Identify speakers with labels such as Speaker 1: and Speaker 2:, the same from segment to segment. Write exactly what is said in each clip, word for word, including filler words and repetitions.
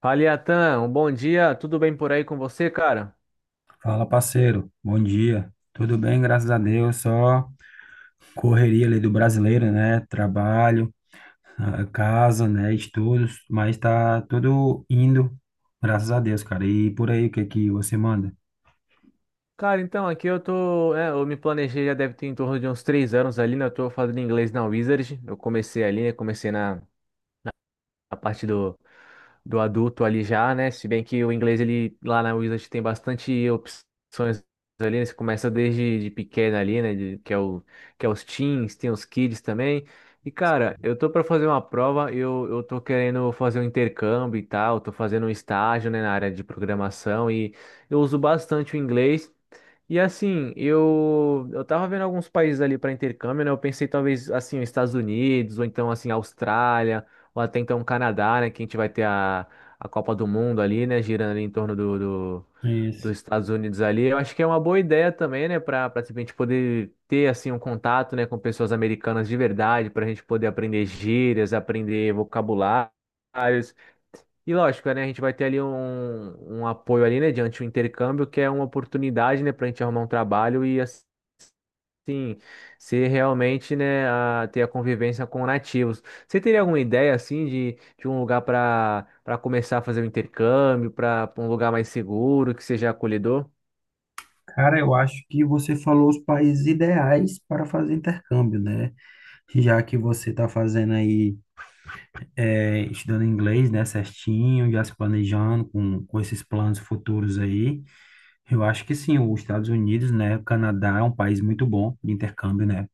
Speaker 1: Fala, Iatan, um bom dia, tudo bem por aí com você, cara?
Speaker 2: Fala, parceiro. Bom dia. Tudo bem, graças a Deus. Só correria ali do brasileiro, né? Trabalho, ah, casa, né? Estudos, mas tá tudo indo, graças a Deus, cara. E por aí, o que que você manda?
Speaker 1: Cara, então, aqui eu tô, é, eu me planejei já deve ter em torno de uns três anos ali, né? Eu tô fazendo inglês na Wizard, eu comecei ali, né? Comecei na, a parte do do adulto ali já, né? Se bem que o inglês ele lá na Wizard tem bastante opções ali, né? Você começa desde de pequeno ali, né? de- que é o que é os teens, tem os kids também. E cara, eu tô para fazer uma prova, eu eu tô querendo fazer um intercâmbio e tal, tô fazendo um estágio, né, na área de programação e eu uso bastante o inglês. E assim, eu eu tava vendo alguns países ali para intercâmbio, né? Eu pensei talvez assim, os Estados Unidos ou então assim, Austrália, ou até então o Canadá, né? Que a gente vai ter a, a Copa do Mundo ali, né? Girando ali em torno do, do- dos
Speaker 2: Isso.
Speaker 1: Estados Unidos ali. Eu acho que é uma boa ideia também, né? Para para a gente poder ter assim um contato, né? Com pessoas americanas de verdade, para a gente poder aprender gírias, aprender vocabulários. E lógico, né? A gente vai ter ali um, um apoio ali, né? Diante do intercâmbio, que é uma oportunidade, né? Para a gente arrumar um trabalho e assim. Sim, ser realmente, né, a, ter a convivência com nativos. Você teria alguma ideia, assim, de, de um lugar para para começar a fazer o intercâmbio, para um lugar mais seguro, que seja acolhedor?
Speaker 2: Cara, eu acho que você falou os países ideais para fazer intercâmbio, né? Já que você tá fazendo aí, eh, estudando inglês, né, certinho, já se planejando com, com esses planos futuros aí. Eu acho que sim, os Estados Unidos, né? O Canadá é um país muito bom de intercâmbio, né?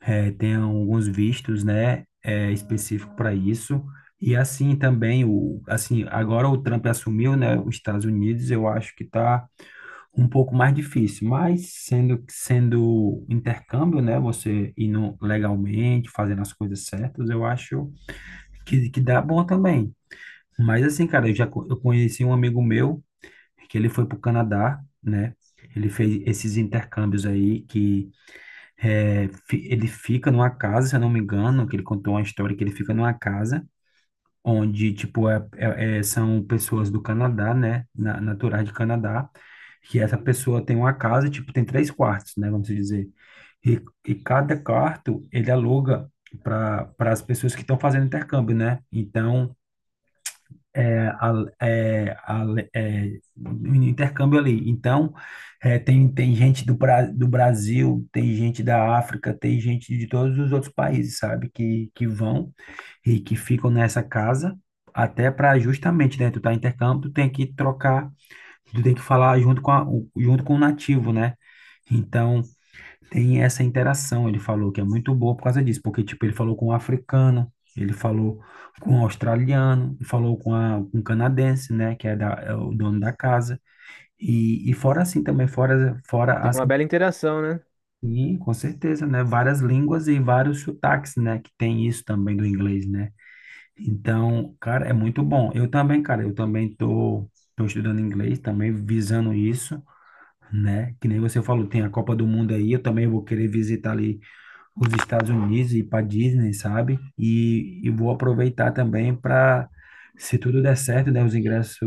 Speaker 2: É, tem alguns vistos, né? É, específico para isso. E assim também, o, assim, agora o Trump assumiu, né? Os Estados Unidos, eu acho que tá um pouco mais difícil, mas sendo, sendo intercâmbio, né? Você indo legalmente, fazendo as coisas certas, eu acho que, que dá bom também. Mas assim, cara, eu já co- eu conheci um amigo meu. É que ele foi para o Canadá, né? Ele fez esses intercâmbios aí que é, fi- ele fica numa casa, se eu não me engano, que ele contou uma história que ele fica numa casa onde, tipo, é, é- é- são pessoas do Canadá, né? Na, naturais de Canadá, que essa pessoa tem uma casa, tipo, tem três quartos, né? Vamos dizer. E, e cada quarto ele aluga para para as pessoas que estão fazendo intercâmbio, né? Então, a- é, a- é, o intercâmbio ali. Então, é, tem, tem gente do, Bra- do Brasil, tem gente da África, tem gente de todos os outros países, sabe? Que, que vão e que ficam nessa casa, até para justamente, né? Tu tá em intercâmbio, tu tem que trocar, tu tem que falar junto com a- o- junto com o nativo, né? Então, tem essa interação, ele falou que é muito boa por causa disso, porque tipo, ele falou com um africano, ele falou com um australiano, ele falou com, a, com um canadense, né, que é, da, é o dono da casa. E, e fora assim também, fora, fora
Speaker 1: Teve uma
Speaker 2: assim,
Speaker 1: bela interação, né?
Speaker 2: e, com certeza, né, várias línguas e vários sotaques, né, que tem isso também do inglês, né. Então, cara, é muito bom. Eu também, cara, eu também tô, tô estudando inglês, também visando isso, né, que nem você falou, tem a Copa do Mundo aí, eu também vou querer visitar ali os Estados Unidos e para Disney, sabe? E, e vou aproveitar também para, se tudo der certo, né, os ingressos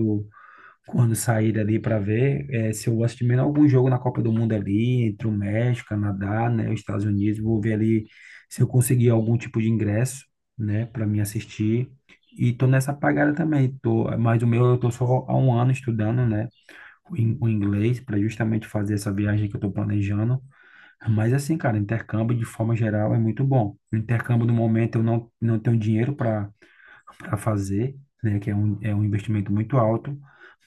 Speaker 2: quando sair ali para ver, eh, se eu gosto de menos algum jogo na Copa do Mundo ali, entre o México, Canadá, né, os Estados Unidos, vou ver ali se eu conseguir algum tipo de ingresso, né, para mim assistir. E tô nessa pagada também, tô, mas o meu eu tô só há um ano estudando, né, o in- o inglês para justamente fazer essa viagem que eu tô planejando. Mas assim, cara, intercâmbio de forma geral é muito bom. O intercâmbio no momento eu não, não tenho dinheiro para para fazer, né? Que é um, é um investimento muito alto.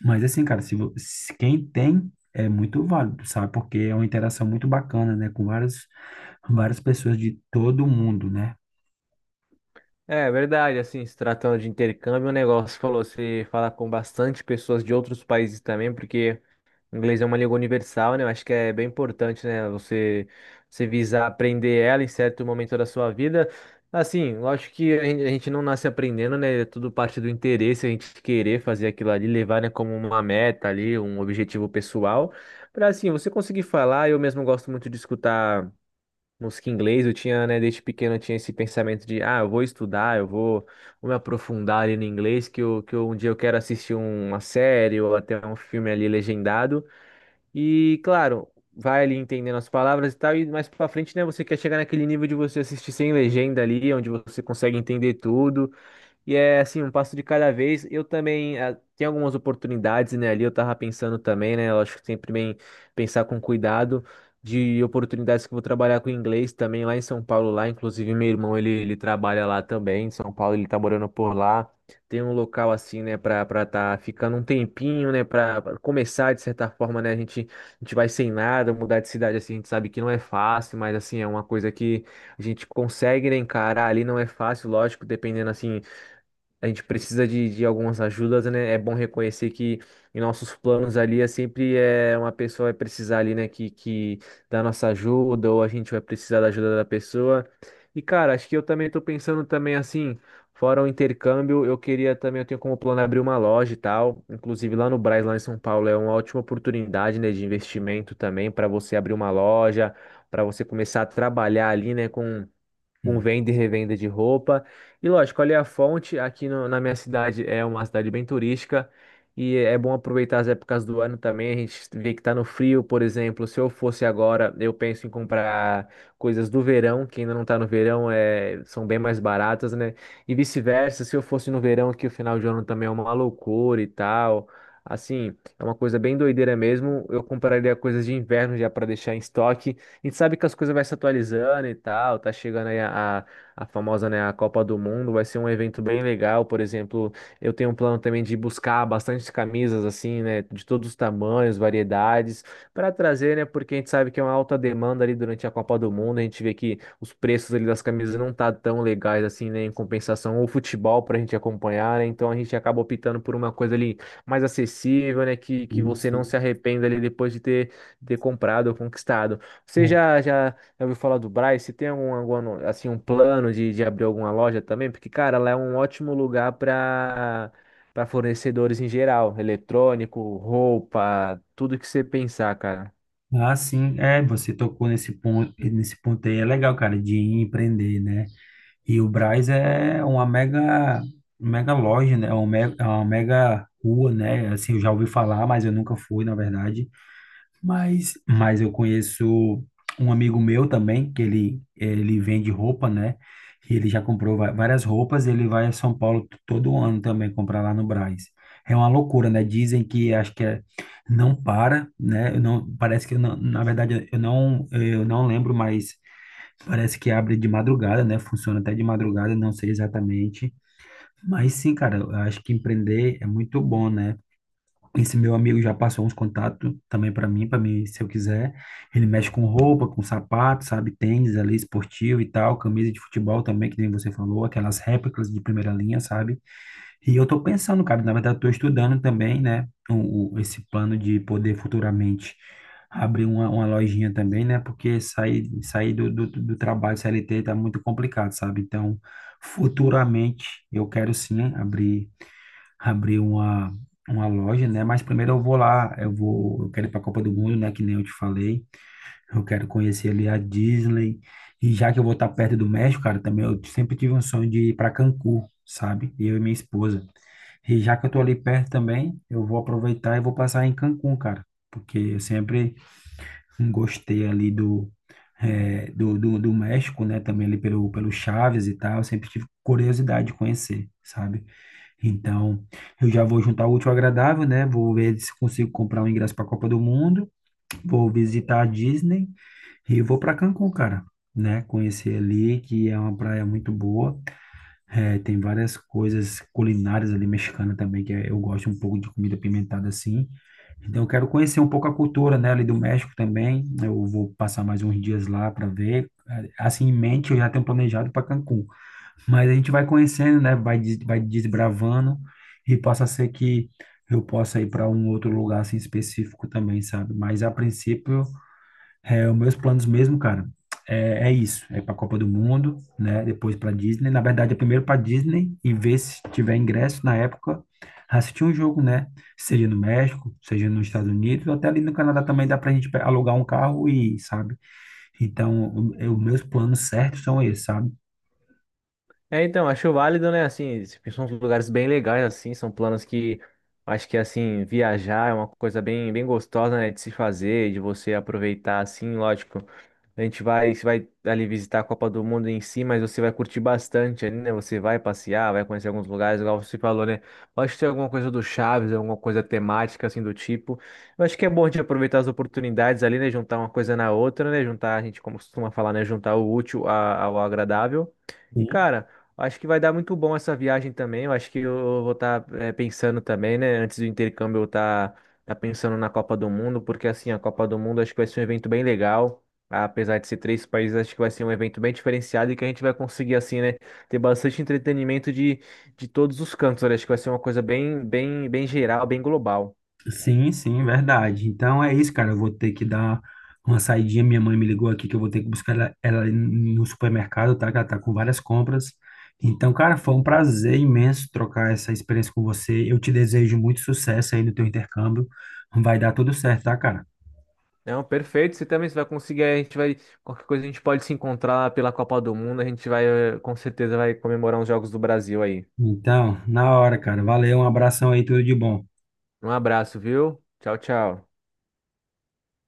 Speaker 2: Mas assim, cara, se, vo- se quem tem é muito válido, sabe? Porque é uma interação muito bacana, né? Com várias, várias pessoas de todo mundo, né?
Speaker 1: É verdade, assim, se tratando de intercâmbio, o negócio falou, você falar com bastante pessoas de outros países também, porque o inglês é uma língua universal, né? Eu acho que é bem importante, né? Você, você visar aprender ela em certo momento da sua vida. Assim, lógico que a gen- a gente não nasce aprendendo, né? É tudo parte do interesse, a gente querer fazer aquilo ali, levar, né, como uma meta ali, um objetivo pessoal. Para assim, você conseguir falar, eu mesmo gosto muito de escutar música em inglês. Eu tinha, né, desde pequeno, eu tinha esse pensamento de, ah, eu vou estudar, eu vou, vou me aprofundar ali no inglês, que eu, que eu, um dia eu quero assistir uma série ou até um filme ali legendado. E, claro, vai ali entendendo as palavras e tal, e mais pra frente, né, você quer chegar naquele nível de você assistir sem legenda ali, onde você consegue entender tudo. E é assim, um passo de cada vez. Eu também ah, tenho algumas oportunidades, né? Ali eu tava pensando também, né? Eu acho que sempre bem pensar com cuidado de oportunidades que eu vou trabalhar com inglês também lá em São Paulo, lá. Inclusive, meu irmão, ele, ele trabalha lá também, em São Paulo, ele tá morando por lá. Tem um local assim, né, pra, pra tá ficando um tempinho, né? Pra, pra começar, de certa forma, né? A gente, a gente vai sem nada, mudar de cidade assim, a gente sabe que não é fácil, mas assim, é uma coisa que a gente consegue, né, encarar ali, não é fácil, lógico, dependendo assim a gente precisa de, de algumas ajudas, né? É bom reconhecer que em nossos planos ali é sempre é, uma pessoa vai precisar ali, né, que, que da nossa ajuda, ou a gente vai precisar da ajuda da pessoa. E, cara, acho que eu também tô pensando também assim, fora o intercâmbio, eu queria também, eu tenho como plano abrir uma loja e tal. Inclusive lá no Brás, lá em São Paulo, é uma ótima oportunidade, né, de investimento também para você abrir uma loja, para você começar a trabalhar ali, né, com com
Speaker 2: Hum.
Speaker 1: venda e revenda de roupa. E lógico, olha a fonte, aqui no- na minha cidade, é uma cidade bem turística. E é bom aproveitar as épocas do ano também. A gente vê que tá no frio, por exemplo. Se eu fosse agora, eu penso em comprar coisas do verão, que ainda não tá no verão, é, são bem mais baratas, né? E vice-versa, se eu fosse no verão, que o final de ano também é uma loucura e tal. Assim, é uma coisa bem doideira mesmo. Eu compraria coisas de inverno já para deixar em estoque. A gente sabe que as coisas vai se atualizando e tal, tá chegando aí a, a, a famosa, né, a Copa do Mundo, vai ser um evento bem legal, por exemplo, eu tenho um plano também de buscar bastante camisas assim, né, de todos os tamanhos, variedades, para trazer, né, porque a gente sabe que é uma alta demanda ali durante a Copa do Mundo, a gente vê que os preços ali das camisas não tá tão legais assim, né, em compensação o futebol pra gente acompanhar, né, então a gente acaba optando por uma coisa ali mais acessível, né, que, que
Speaker 2: Sim,
Speaker 1: você não
Speaker 2: sim.
Speaker 1: se arrependa ali depois de ter, ter comprado ou conquistado. Você
Speaker 2: Bom,
Speaker 1: já, já, já ouviu falar do Brás? Você tem algum, alguma no- assim, um plano de, de abrir alguma loja também? Porque, cara, lá é um ótimo lugar para para fornecedores em geral, eletrônico, roupa, tudo que você pensar, cara.
Speaker 2: ah, sim, é, você tocou nesse ponto, nesse ponto aí, é legal, cara, de empreender, né? E o Brás é uma mega, mega loja, né? É uma mega, é uma mega rua, né? Assim, eu já ouvi falar, mas eu nunca fui, na verdade. Mas, mas eu conheço um amigo meu também, que ele, ele vende roupa, né? E ele já comprou va- várias roupas, ele vai a São Paulo t- todo ano também comprar lá no Brás. É uma loucura, né? Dizem que acho que é, não para, né? Eu não, parece que eu não, na verdade eu não, eu não lembro, mais parece que abre de madrugada, né? Funciona até de madrugada, não sei exatamente. Mas sim, cara, eu acho que empreender é muito bom, né? Esse meu amigo já passou uns contatos também para mim, para mim, se eu quiser. Ele mexe com roupa, com sapato, sabe? Tênis ali, esportivo e tal, camisa de futebol também, que nem você falou, aquelas réplicas de primeira linha, sabe? E eu tô pensando, cara, na verdade eu tô estudando também, né, o, o- esse plano de poder futuramente abrir uma, uma lojinha também, né, porque sair, sair do, do, do trabalho C L T tá muito complicado, sabe? Então, futuramente eu quero sim abrir, abrir uma, uma loja, né, mas primeiro eu vou lá, eu vou, eu quero ir pra Copa do Mundo, né, que nem eu te falei, eu quero conhecer ali a Disney, e já que eu vou estar perto do México, cara, também eu sempre tive um sonho de ir para Cancún, sabe? Eu e minha esposa. E já que eu tô ali perto também, eu vou aproveitar e vou passar em Cancún, cara, porque eu sempre gostei ali do, eh, do, do, do México, né? Também ali pelo, pelo Chaves e tal, eu sempre tive curiosidade de conhecer, sabe? Então, eu já vou juntar o útil ao agradável, né? Vou ver se consigo comprar um ingresso para a Copa do Mundo, vou visitar a Disney e vou para Cancún, cara, né? Conhecer ali, que é uma praia muito boa. É, tem várias coisas culinárias ali mexicana também, que eu gosto um pouco de comida pimentada assim. Então eu quero conhecer um pouco a cultura, né, ali do México também. Eu vou passar mais uns dias lá para ver. É, assim, em mente, eu já tenho planejado para Cancún. Mas a gente vai conhecendo, né, vai, des- vai desbravando e possa ser que eu possa ir para um outro lugar assim específico também, sabe? Mas a princípio é, os meus planos mesmo, cara, é, é isso. É para a Copa do Mundo, né? Depois para Disney. Na verdade, é primeiro para Disney e ver se tiver ingresso na época, assistir um jogo, né? Seja no México, seja nos Estados Unidos, ou até ali no Canadá também dá para a gente pe- alugar um carro e, sabe? Então, o- é, os meus planos certos são esses, sabe?
Speaker 1: É, então, acho válido, né? Assim, são uns lugares bem legais, assim, são planos que acho que, assim, viajar é uma coisa bem, bem gostosa, né? De se fazer, de você aproveitar, assim, lógico. A gente vai, você vai ali visitar a Copa do Mundo em si, mas você vai curtir bastante ali, né? Você vai passear, vai conhecer alguns lugares, igual você falou, né? Pode ter alguma coisa do Chaves, alguma coisa temática, assim, do tipo. Eu acho que é bom de aproveitar as oportunidades ali, né? Juntar uma coisa na outra, né? Juntar, a gente como costuma falar, né? Juntar o útil a- ao agradável. E, cara. Acho que vai dar muito bom essa viagem também. Eu acho que eu vou estar pensando também, né? Antes do intercâmbio, eu estar pensando na Copa do Mundo, porque assim, a Copa do Mundo acho que vai ser um evento bem legal. Apesar de ser três países, acho que vai ser um evento bem diferenciado e que a gente vai conseguir, assim, né? Ter bastante entretenimento de, de todos os cantos. Olha, acho que vai ser uma coisa bem, bem, bem geral, bem global.
Speaker 2: Sim, sim, verdade. Então é isso, cara. Eu vou ter que dar uma saidinha. Minha mãe me ligou aqui que eu vou ter que buscar ela, ela no supermercado, tá? Que ela tá com várias compras. Então, cara, foi um prazer imenso trocar essa experiência com você. Eu te desejo muito sucesso aí no teu intercâmbio. Vai dar tudo certo, tá, cara?
Speaker 1: Não, perfeito. Você também você vai conseguir. A gente vai. Qualquer coisa a gente pode se encontrar pela Copa do Mundo. A gente vai, eh, com certeza, vai comemorar os Jogos do Brasil aí.
Speaker 2: Então, na hora, cara. Valeu, um abração aí, tudo de bom.
Speaker 1: Um abraço, viu? Tchau, tchau.